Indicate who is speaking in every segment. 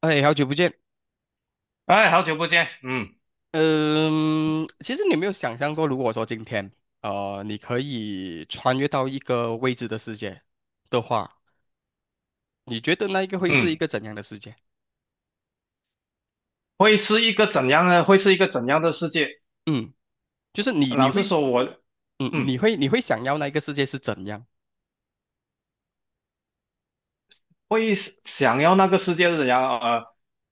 Speaker 1: 哎，好久不见。
Speaker 2: 哎，好久不见。嗯
Speaker 1: 嗯，其实你有没有想象过，如果说今天，你可以穿越到一个未知的世界的话，你觉得那一个会是一
Speaker 2: 嗯，
Speaker 1: 个怎样的世界？
Speaker 2: 会是一个怎样呢？会是一个怎样的世界？
Speaker 1: 嗯，就是你
Speaker 2: 老实
Speaker 1: 会，
Speaker 2: 说我，
Speaker 1: 嗯，你
Speaker 2: 嗯，
Speaker 1: 会你会想要那一个世界是怎样？
Speaker 2: 会想要那个世界是怎样？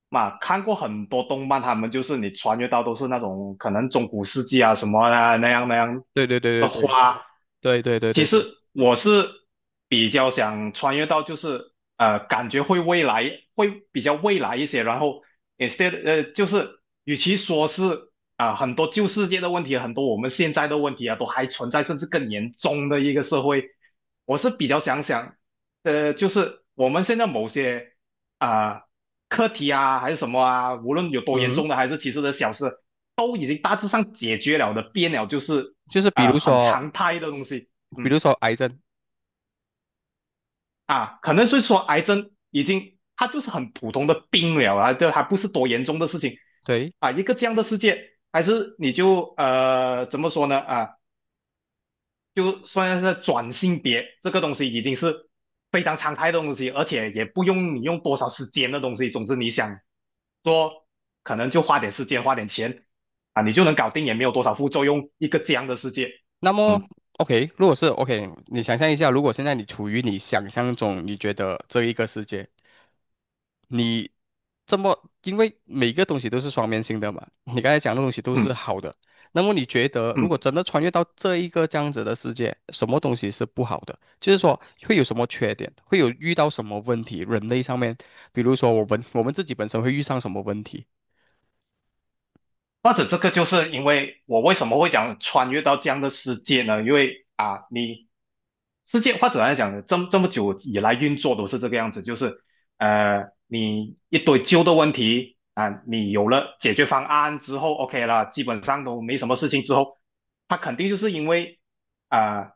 Speaker 2: 嘛，看过很多动漫，他们就是你穿越到都是那种可能中古世纪啊什么啊那样
Speaker 1: 对对对
Speaker 2: 的
Speaker 1: 对
Speaker 2: 话，
Speaker 1: 对对对对
Speaker 2: 其
Speaker 1: 对对，
Speaker 2: 实我是比较想穿越到就是感觉会未来会比较未来一些，然后 instead 就是与其说是啊、很多旧世界的问题，很多我们现在的问题啊都还存在，甚至更严重的一个社会，我是比较想。就是我们现在某些啊、课题啊，还是什么啊，无论有多严
Speaker 1: 嗯哼，
Speaker 2: 重的，还是其实的小事，都已经大致上解决了的，变了就是
Speaker 1: 就是比如
Speaker 2: 啊、很
Speaker 1: 说，
Speaker 2: 常态的东西。
Speaker 1: 比如
Speaker 2: 嗯。
Speaker 1: 说癌症，
Speaker 2: 啊，可能是说癌症已经它就是很普通的病了啊，这还不是多严重的事情
Speaker 1: 对，
Speaker 2: 啊，一个这样的世界，还是你就怎么说呢啊？就算是转性别这个东西已经是非常常态的东西，而且也不用你用多少时间的东西。总之你想做，可能就花点时间花点钱啊，你就能搞定，也没有多少副作用，一个这样的世界。
Speaker 1: 那么
Speaker 2: 嗯
Speaker 1: ，OK，如果是 OK，你想象一下，如果现在你处于你想象中，你觉得这一个世界，你这么，因为每个东西都是双面性的嘛，你刚才讲的东西都是
Speaker 2: 嗯
Speaker 1: 好的，那么你觉得如果
Speaker 2: 嗯。
Speaker 1: 真的穿越到这一个这样子的世界，什么东西是不好的？就是说会有什么缺点，会有遇到什么问题，人类上面，比如说我们自己本身会遇上什么问题？
Speaker 2: 或者这个就是因为我为什么会讲穿越到这样的世界呢？因为啊，你世界或者来讲，这么久以来运作都是这个样子，就是你一堆旧的问题啊，你有了解决方案之后，OK 了，基本上都没什么事情之后，它肯定就是因为啊、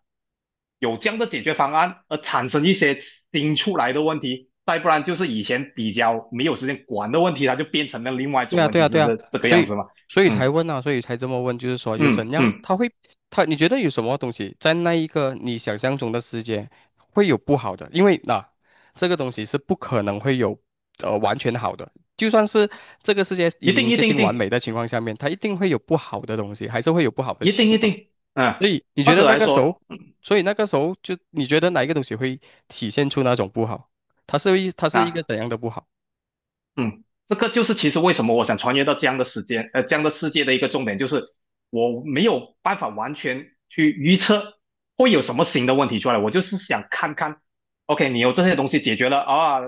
Speaker 2: 有这样的解决方案而产生一些新出来的问题，再不然就是以前比较没有时间管的问题，它就变成了另外一
Speaker 1: 对
Speaker 2: 种
Speaker 1: 啊，
Speaker 2: 问
Speaker 1: 对
Speaker 2: 题，
Speaker 1: 啊，对
Speaker 2: 是
Speaker 1: 啊，
Speaker 2: 这个
Speaker 1: 所
Speaker 2: 样
Speaker 1: 以
Speaker 2: 子嘛。
Speaker 1: 所以才
Speaker 2: 嗯
Speaker 1: 问啊，所以才这么问，就是说有怎
Speaker 2: 嗯
Speaker 1: 样，
Speaker 2: 嗯，
Speaker 1: 他你觉得有什么东西在那一个你想象中的世界会有不好的？因为那、啊这个东西是不可能会有完全好的，就算是这个世界已
Speaker 2: 一定
Speaker 1: 经
Speaker 2: 一
Speaker 1: 接
Speaker 2: 定一
Speaker 1: 近完
Speaker 2: 定
Speaker 1: 美的情况下面，它一定会有不好的东西，还是会有不好的
Speaker 2: 一
Speaker 1: 情
Speaker 2: 定一
Speaker 1: 况。
Speaker 2: 定，
Speaker 1: 所
Speaker 2: 啊，
Speaker 1: 以你
Speaker 2: 或
Speaker 1: 觉得
Speaker 2: 者
Speaker 1: 那
Speaker 2: 来
Speaker 1: 个时
Speaker 2: 说
Speaker 1: 候，所以那个时候就你觉得哪一个东西会体现出那种不好？它是一个
Speaker 2: 啊。
Speaker 1: 怎样的不好？
Speaker 2: 嗯，这个就是其实为什么我想穿越到这样的时间，这样的世界的一个重点，就是我没有办法完全去预测会有什么新的问题出来，我就是想看看，OK,你有这些东西解决了啊，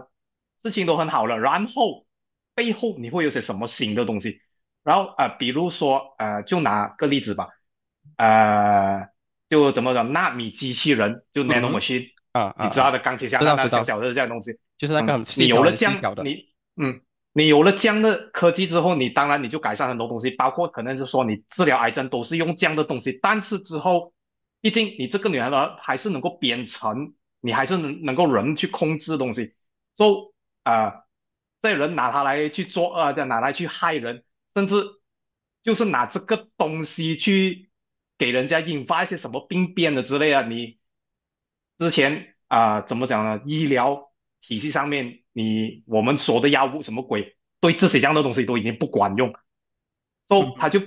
Speaker 2: 事情都很好了，然后背后你会有些什么新的东西？然后啊、比如说就拿个例子吧，呃，就怎么讲，纳米机器人，就
Speaker 1: 嗯
Speaker 2: nano
Speaker 1: 哼，
Speaker 2: machine,
Speaker 1: 啊啊
Speaker 2: 你知道
Speaker 1: 啊，
Speaker 2: 的，钢铁侠
Speaker 1: 知
Speaker 2: 那
Speaker 1: 道知
Speaker 2: 那小
Speaker 1: 道。
Speaker 2: 小的这样东西。
Speaker 1: 就是那个
Speaker 2: 嗯，
Speaker 1: 很细
Speaker 2: 你有
Speaker 1: 小、
Speaker 2: 了
Speaker 1: 很
Speaker 2: 这
Speaker 1: 细
Speaker 2: 样，
Speaker 1: 小的。
Speaker 2: 你。嗯，你有了这样的科技之后，你当然你就改善很多东西，包括可能是说你治疗癌症都是用这样的东西。但是之后，毕竟你这个女孩呢还是能够编程，你还是能够人去控制东西，就啊，这人拿它来去做恶，拿来去害人，甚至就是拿这个东西去给人家引发一些什么病变的之类啊，你之前啊、怎么讲呢？医疗体系上面，你我们说的药物什么鬼，对这些这样的东西都已经不管用，所以
Speaker 1: 嗯
Speaker 2: 它
Speaker 1: 哼
Speaker 2: 就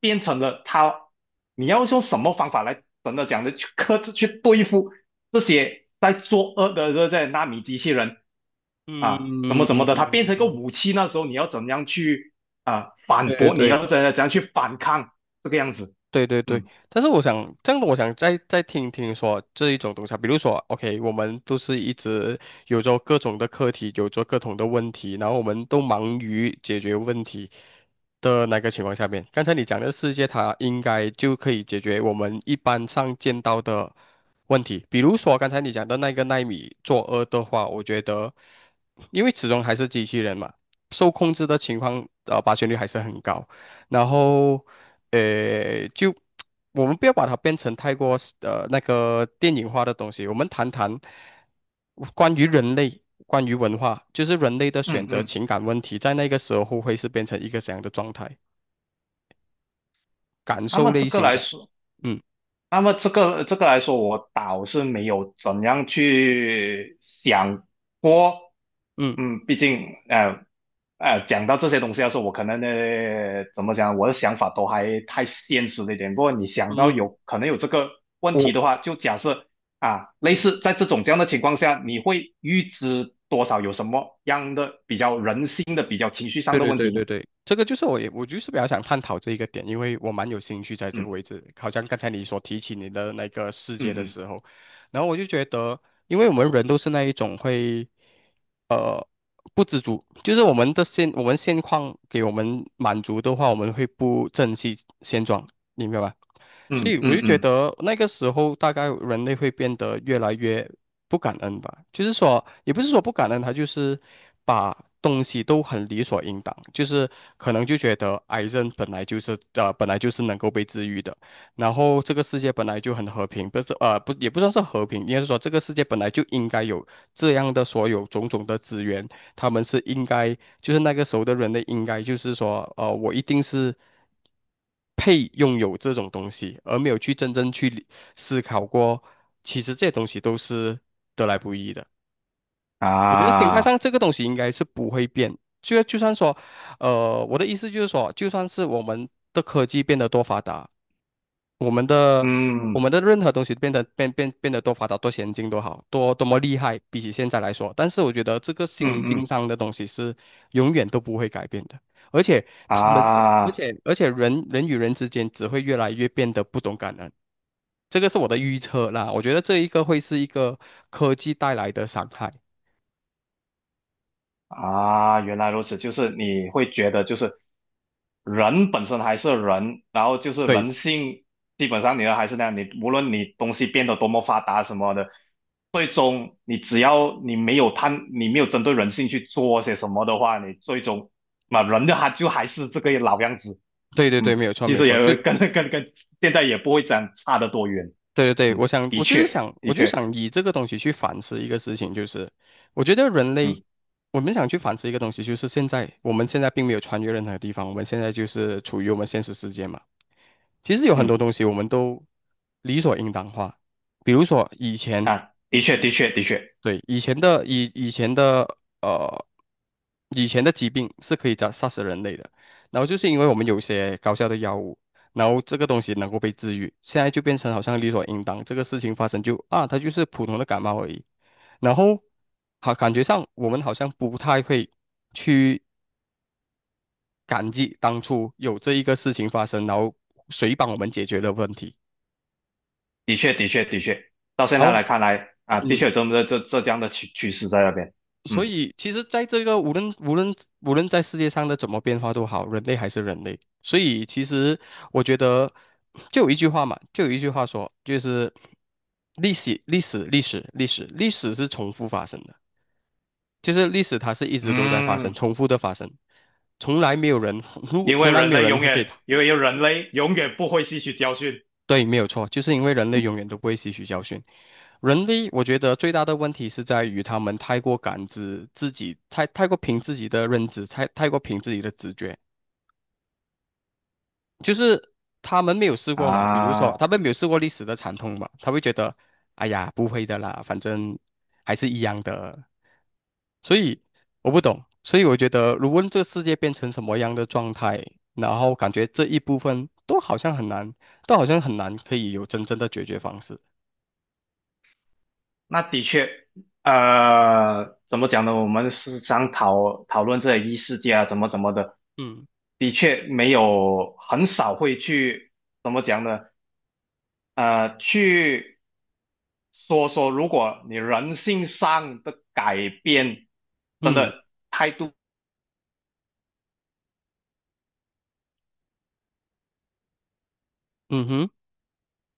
Speaker 2: 变成了它，你要用什么方法来真的讲的去克制、去对付这些在作恶的这些纳米机器人啊，怎么
Speaker 1: 嗯，
Speaker 2: 怎么的，它变成一个武器，那时候你要怎样去啊、
Speaker 1: 对
Speaker 2: 反
Speaker 1: 对
Speaker 2: 驳？你
Speaker 1: 对
Speaker 2: 要怎样去啊反抗这个样子？
Speaker 1: 对对对，
Speaker 2: 嗯
Speaker 1: 但是我想这样的，我想再听听说这一种东西啊比如说，OK,我们都是一直有着各种的课题，有着各种的问题，然后我们都忙于解决问题的那个情况下面，刚才你讲的世界，它应该就可以解决我们一般上见到的问题，比如说刚才你讲的那个奈米作恶的话，我觉得，因为始终还是机器人嘛，受控制的情况，发生率还是很高。然后，呃，就我们不要把它变成太过那个电影化的东西，我们谈谈关于人类、关于文化，就是人类的
Speaker 2: 嗯
Speaker 1: 选择、
Speaker 2: 嗯，
Speaker 1: 情感问题，在那个时候会是变成一个怎样的状态？感
Speaker 2: 那么
Speaker 1: 受
Speaker 2: 这
Speaker 1: 类
Speaker 2: 个
Speaker 1: 型
Speaker 2: 来
Speaker 1: 的，
Speaker 2: 说，
Speaker 1: 嗯
Speaker 2: 那么这个来说，我倒是没有怎样去想过。
Speaker 1: 嗯
Speaker 2: 嗯，毕竟讲到这些东西的时候，我可能呢，怎么讲，我的想法都还太现实了一点。不过你想到
Speaker 1: 嗯，
Speaker 2: 有可能有这个问题的话，
Speaker 1: 我。
Speaker 2: 就假设啊，类
Speaker 1: 嗯。
Speaker 2: 似在这种这样的情况下，你会预知多少有什么样的比较人性的、比较情绪上
Speaker 1: 对
Speaker 2: 的
Speaker 1: 对
Speaker 2: 问
Speaker 1: 对
Speaker 2: 题呢？
Speaker 1: 对对，这个就是我就是比较想探讨这一个点，因为我蛮有兴趣在这个
Speaker 2: 嗯
Speaker 1: 位置。好像刚才你所提起你的那个世界的
Speaker 2: 嗯
Speaker 1: 时候，然后我就觉得，因为我们人都是那一种会，呃，不知足，就是我们现况给我们满足的话，我们会不珍惜现状，你明白吧？所
Speaker 2: 嗯
Speaker 1: 以我
Speaker 2: 嗯
Speaker 1: 就
Speaker 2: 嗯
Speaker 1: 觉
Speaker 2: 嗯
Speaker 1: 得那个时候大概人类会变得越来越不感恩吧，就是说也不是说不感恩，他就是把东西都很理所应当，就是可能就觉得癌症本来就是本来就是能够被治愈的，然后这个世界本来就很和平，不是呃不也不算是和平，应该是说这个世界本来就应该有这样的所有种种的资源，他们是应该，就是那个时候的人类应该就是说，我一定是配拥有这种东西，而没有去真正思考过，其实这些东西都是得来不易的。我觉得心态
Speaker 2: 啊，
Speaker 1: 上这个东西应该是不会变，就算说，我的意思就是说，就算是我们的科技变得多发达。我们的我
Speaker 2: 嗯
Speaker 1: 们的任何东西变得多发达、多先进、多好、多么厉害，比起现在来说，但是我觉得这个
Speaker 2: 嗯
Speaker 1: 心境
Speaker 2: 嗯。
Speaker 1: 上的东西是永远都不会改变的，而且他们，而
Speaker 2: 啊
Speaker 1: 且而且人与人之间只会越来越变得不懂感恩，这个是我的预测啦。我觉得这一个会是一个科技带来的伤害。
Speaker 2: 啊原来如此，就是你会觉得就是人本身还是人，然后就是
Speaker 1: 对
Speaker 2: 人性，基本上你还是那样，你无论你东西变得多么发达什么的，最终你只要你没有贪，你没有针对人性去做些什么的话，你最终那人的他就还是这个老样子，
Speaker 1: 对对对，
Speaker 2: 嗯，
Speaker 1: 没有错
Speaker 2: 其
Speaker 1: 没有
Speaker 2: 实
Speaker 1: 错，
Speaker 2: 也
Speaker 1: 就
Speaker 2: 会跟跟跟现在也不会这样差得多远。
Speaker 1: 对对对，
Speaker 2: 嗯，
Speaker 1: 我想，
Speaker 2: 的
Speaker 1: 我就
Speaker 2: 确
Speaker 1: 是想，
Speaker 2: 的
Speaker 1: 我就
Speaker 2: 确。
Speaker 1: 想以这个东西去反思一个事情，就是我觉得人类，
Speaker 2: 嗯
Speaker 1: 我们想去反思一个东西，就是现在并没有穿越任何地方，我们现在就是处于我们现实世界嘛。其实有很多
Speaker 2: 嗯
Speaker 1: 东西我们都理所应当化，比如说以前
Speaker 2: 啊，的确的确的确。
Speaker 1: 对，呃，以前的疾病是可以杀死人类的，然后就是因为我们有一些高效的药物，然后这个东西能够被治愈，现在就变成好像理所应当，这个事情发生就啊，它就是普通的感冒而已。然后好，感觉上我们好像不太会去感激当初有这一个事情发生，然后谁帮我们解决的问题。
Speaker 2: 的确，的确，的确，到现在
Speaker 1: 然后，
Speaker 2: 来看来啊，的确有
Speaker 1: 嗯，
Speaker 2: 这么这这样的趋势在那边。
Speaker 1: 所
Speaker 2: 嗯
Speaker 1: 以，其实，在这个无论在世界上的怎么变化都好，人类还是人类。所以，其实我觉得，就有一句话嘛，就有一句话说，就是历史是重复发生的。就是历史它是一直都在发生，
Speaker 2: 嗯，
Speaker 1: 重复的发生，从来没有人，
Speaker 2: 因为
Speaker 1: 从来
Speaker 2: 人
Speaker 1: 没有
Speaker 2: 类
Speaker 1: 人
Speaker 2: 永
Speaker 1: 会给
Speaker 2: 远，因为人类永远不会吸取教训
Speaker 1: 对，没有错，就是因为人类永远都不会吸取教训。人类，我觉得最大的问题是在于他们太过感知自己，太过凭自己的认知，太过凭自己的直觉，就是他们没有试过嘛。比如说，
Speaker 2: 啊，
Speaker 1: 他们没有试过历史的惨痛嘛，他会觉得，哎呀，不会的啦，反正还是一样的。所以我不懂，所以我觉得，如果这个世界变成什么样的状态，然后感觉这一部分都好像很难，都好像很难可以有真正的解决方式。
Speaker 2: 那的确，怎么讲呢？我们是常讨论这些异世界啊，怎么的，
Speaker 1: 嗯
Speaker 2: 的确没有很少会去怎么讲呢？去说说，如果你人性上的改变真
Speaker 1: 嗯
Speaker 2: 的态度
Speaker 1: 嗯哼，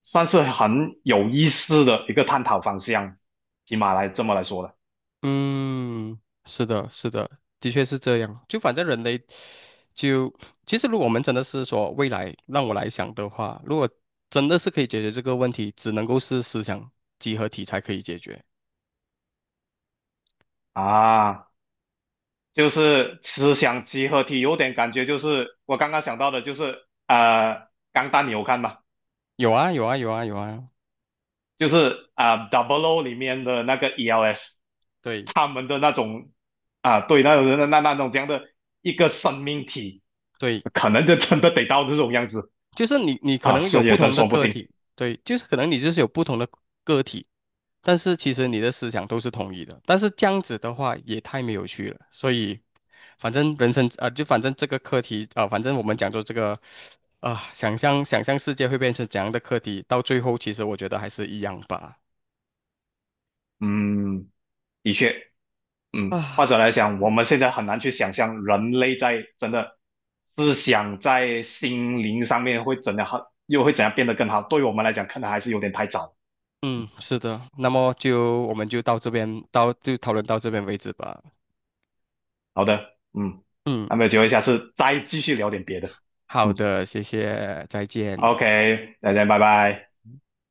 Speaker 2: 算是很有意思的一个探讨方向，起码来这么来说的
Speaker 1: 嗯，是的，是的，的确是这样。就反正人类就，其实如果我们真的是说未来让我来想的话，如果真的是可以解决这个问题，只能够是思想集合体才可以解决。
Speaker 2: 啊，就是思想集合体，有点感觉就是我刚刚想到的，就是钢弹你有看吗？
Speaker 1: 有啊，有啊，有啊，有啊，
Speaker 2: 就是啊，Double O 里面的那个 ELS,
Speaker 1: 对
Speaker 2: 他们的那种啊，对，那种那种这样的一个生命体，
Speaker 1: 对。
Speaker 2: 可能就真的得到这种样子
Speaker 1: 就是你可
Speaker 2: 啊，
Speaker 1: 能
Speaker 2: 所
Speaker 1: 有
Speaker 2: 以
Speaker 1: 不
Speaker 2: 也真
Speaker 1: 同的
Speaker 2: 说不
Speaker 1: 个
Speaker 2: 定。
Speaker 1: 体，对，就是可能你就是有不同的个体，但是其实你的思想都是统一的，但是这样子的话也太没有趣了，所以反正人生啊、反正这个课题啊、反正我们讲说这个啊、想象想象世界会变成怎样的课题，到最后其实我觉得还是一样吧。
Speaker 2: 嗯，的确。嗯，或
Speaker 1: 啊，
Speaker 2: 者来讲，我们现在很难去想象人类在真的思想在心灵上面会怎样好，又会怎样变得更好。对于我们来讲，可能还是有点太早。
Speaker 1: 嗯，是的，那么我们就到这边，就讨论到这边为止吧。
Speaker 2: 好的，嗯，
Speaker 1: 嗯，
Speaker 2: 那么有机会下次再继续聊点别的。
Speaker 1: 好
Speaker 2: 嗯
Speaker 1: 的，谢谢，再见。
Speaker 2: ，OK,大家拜拜。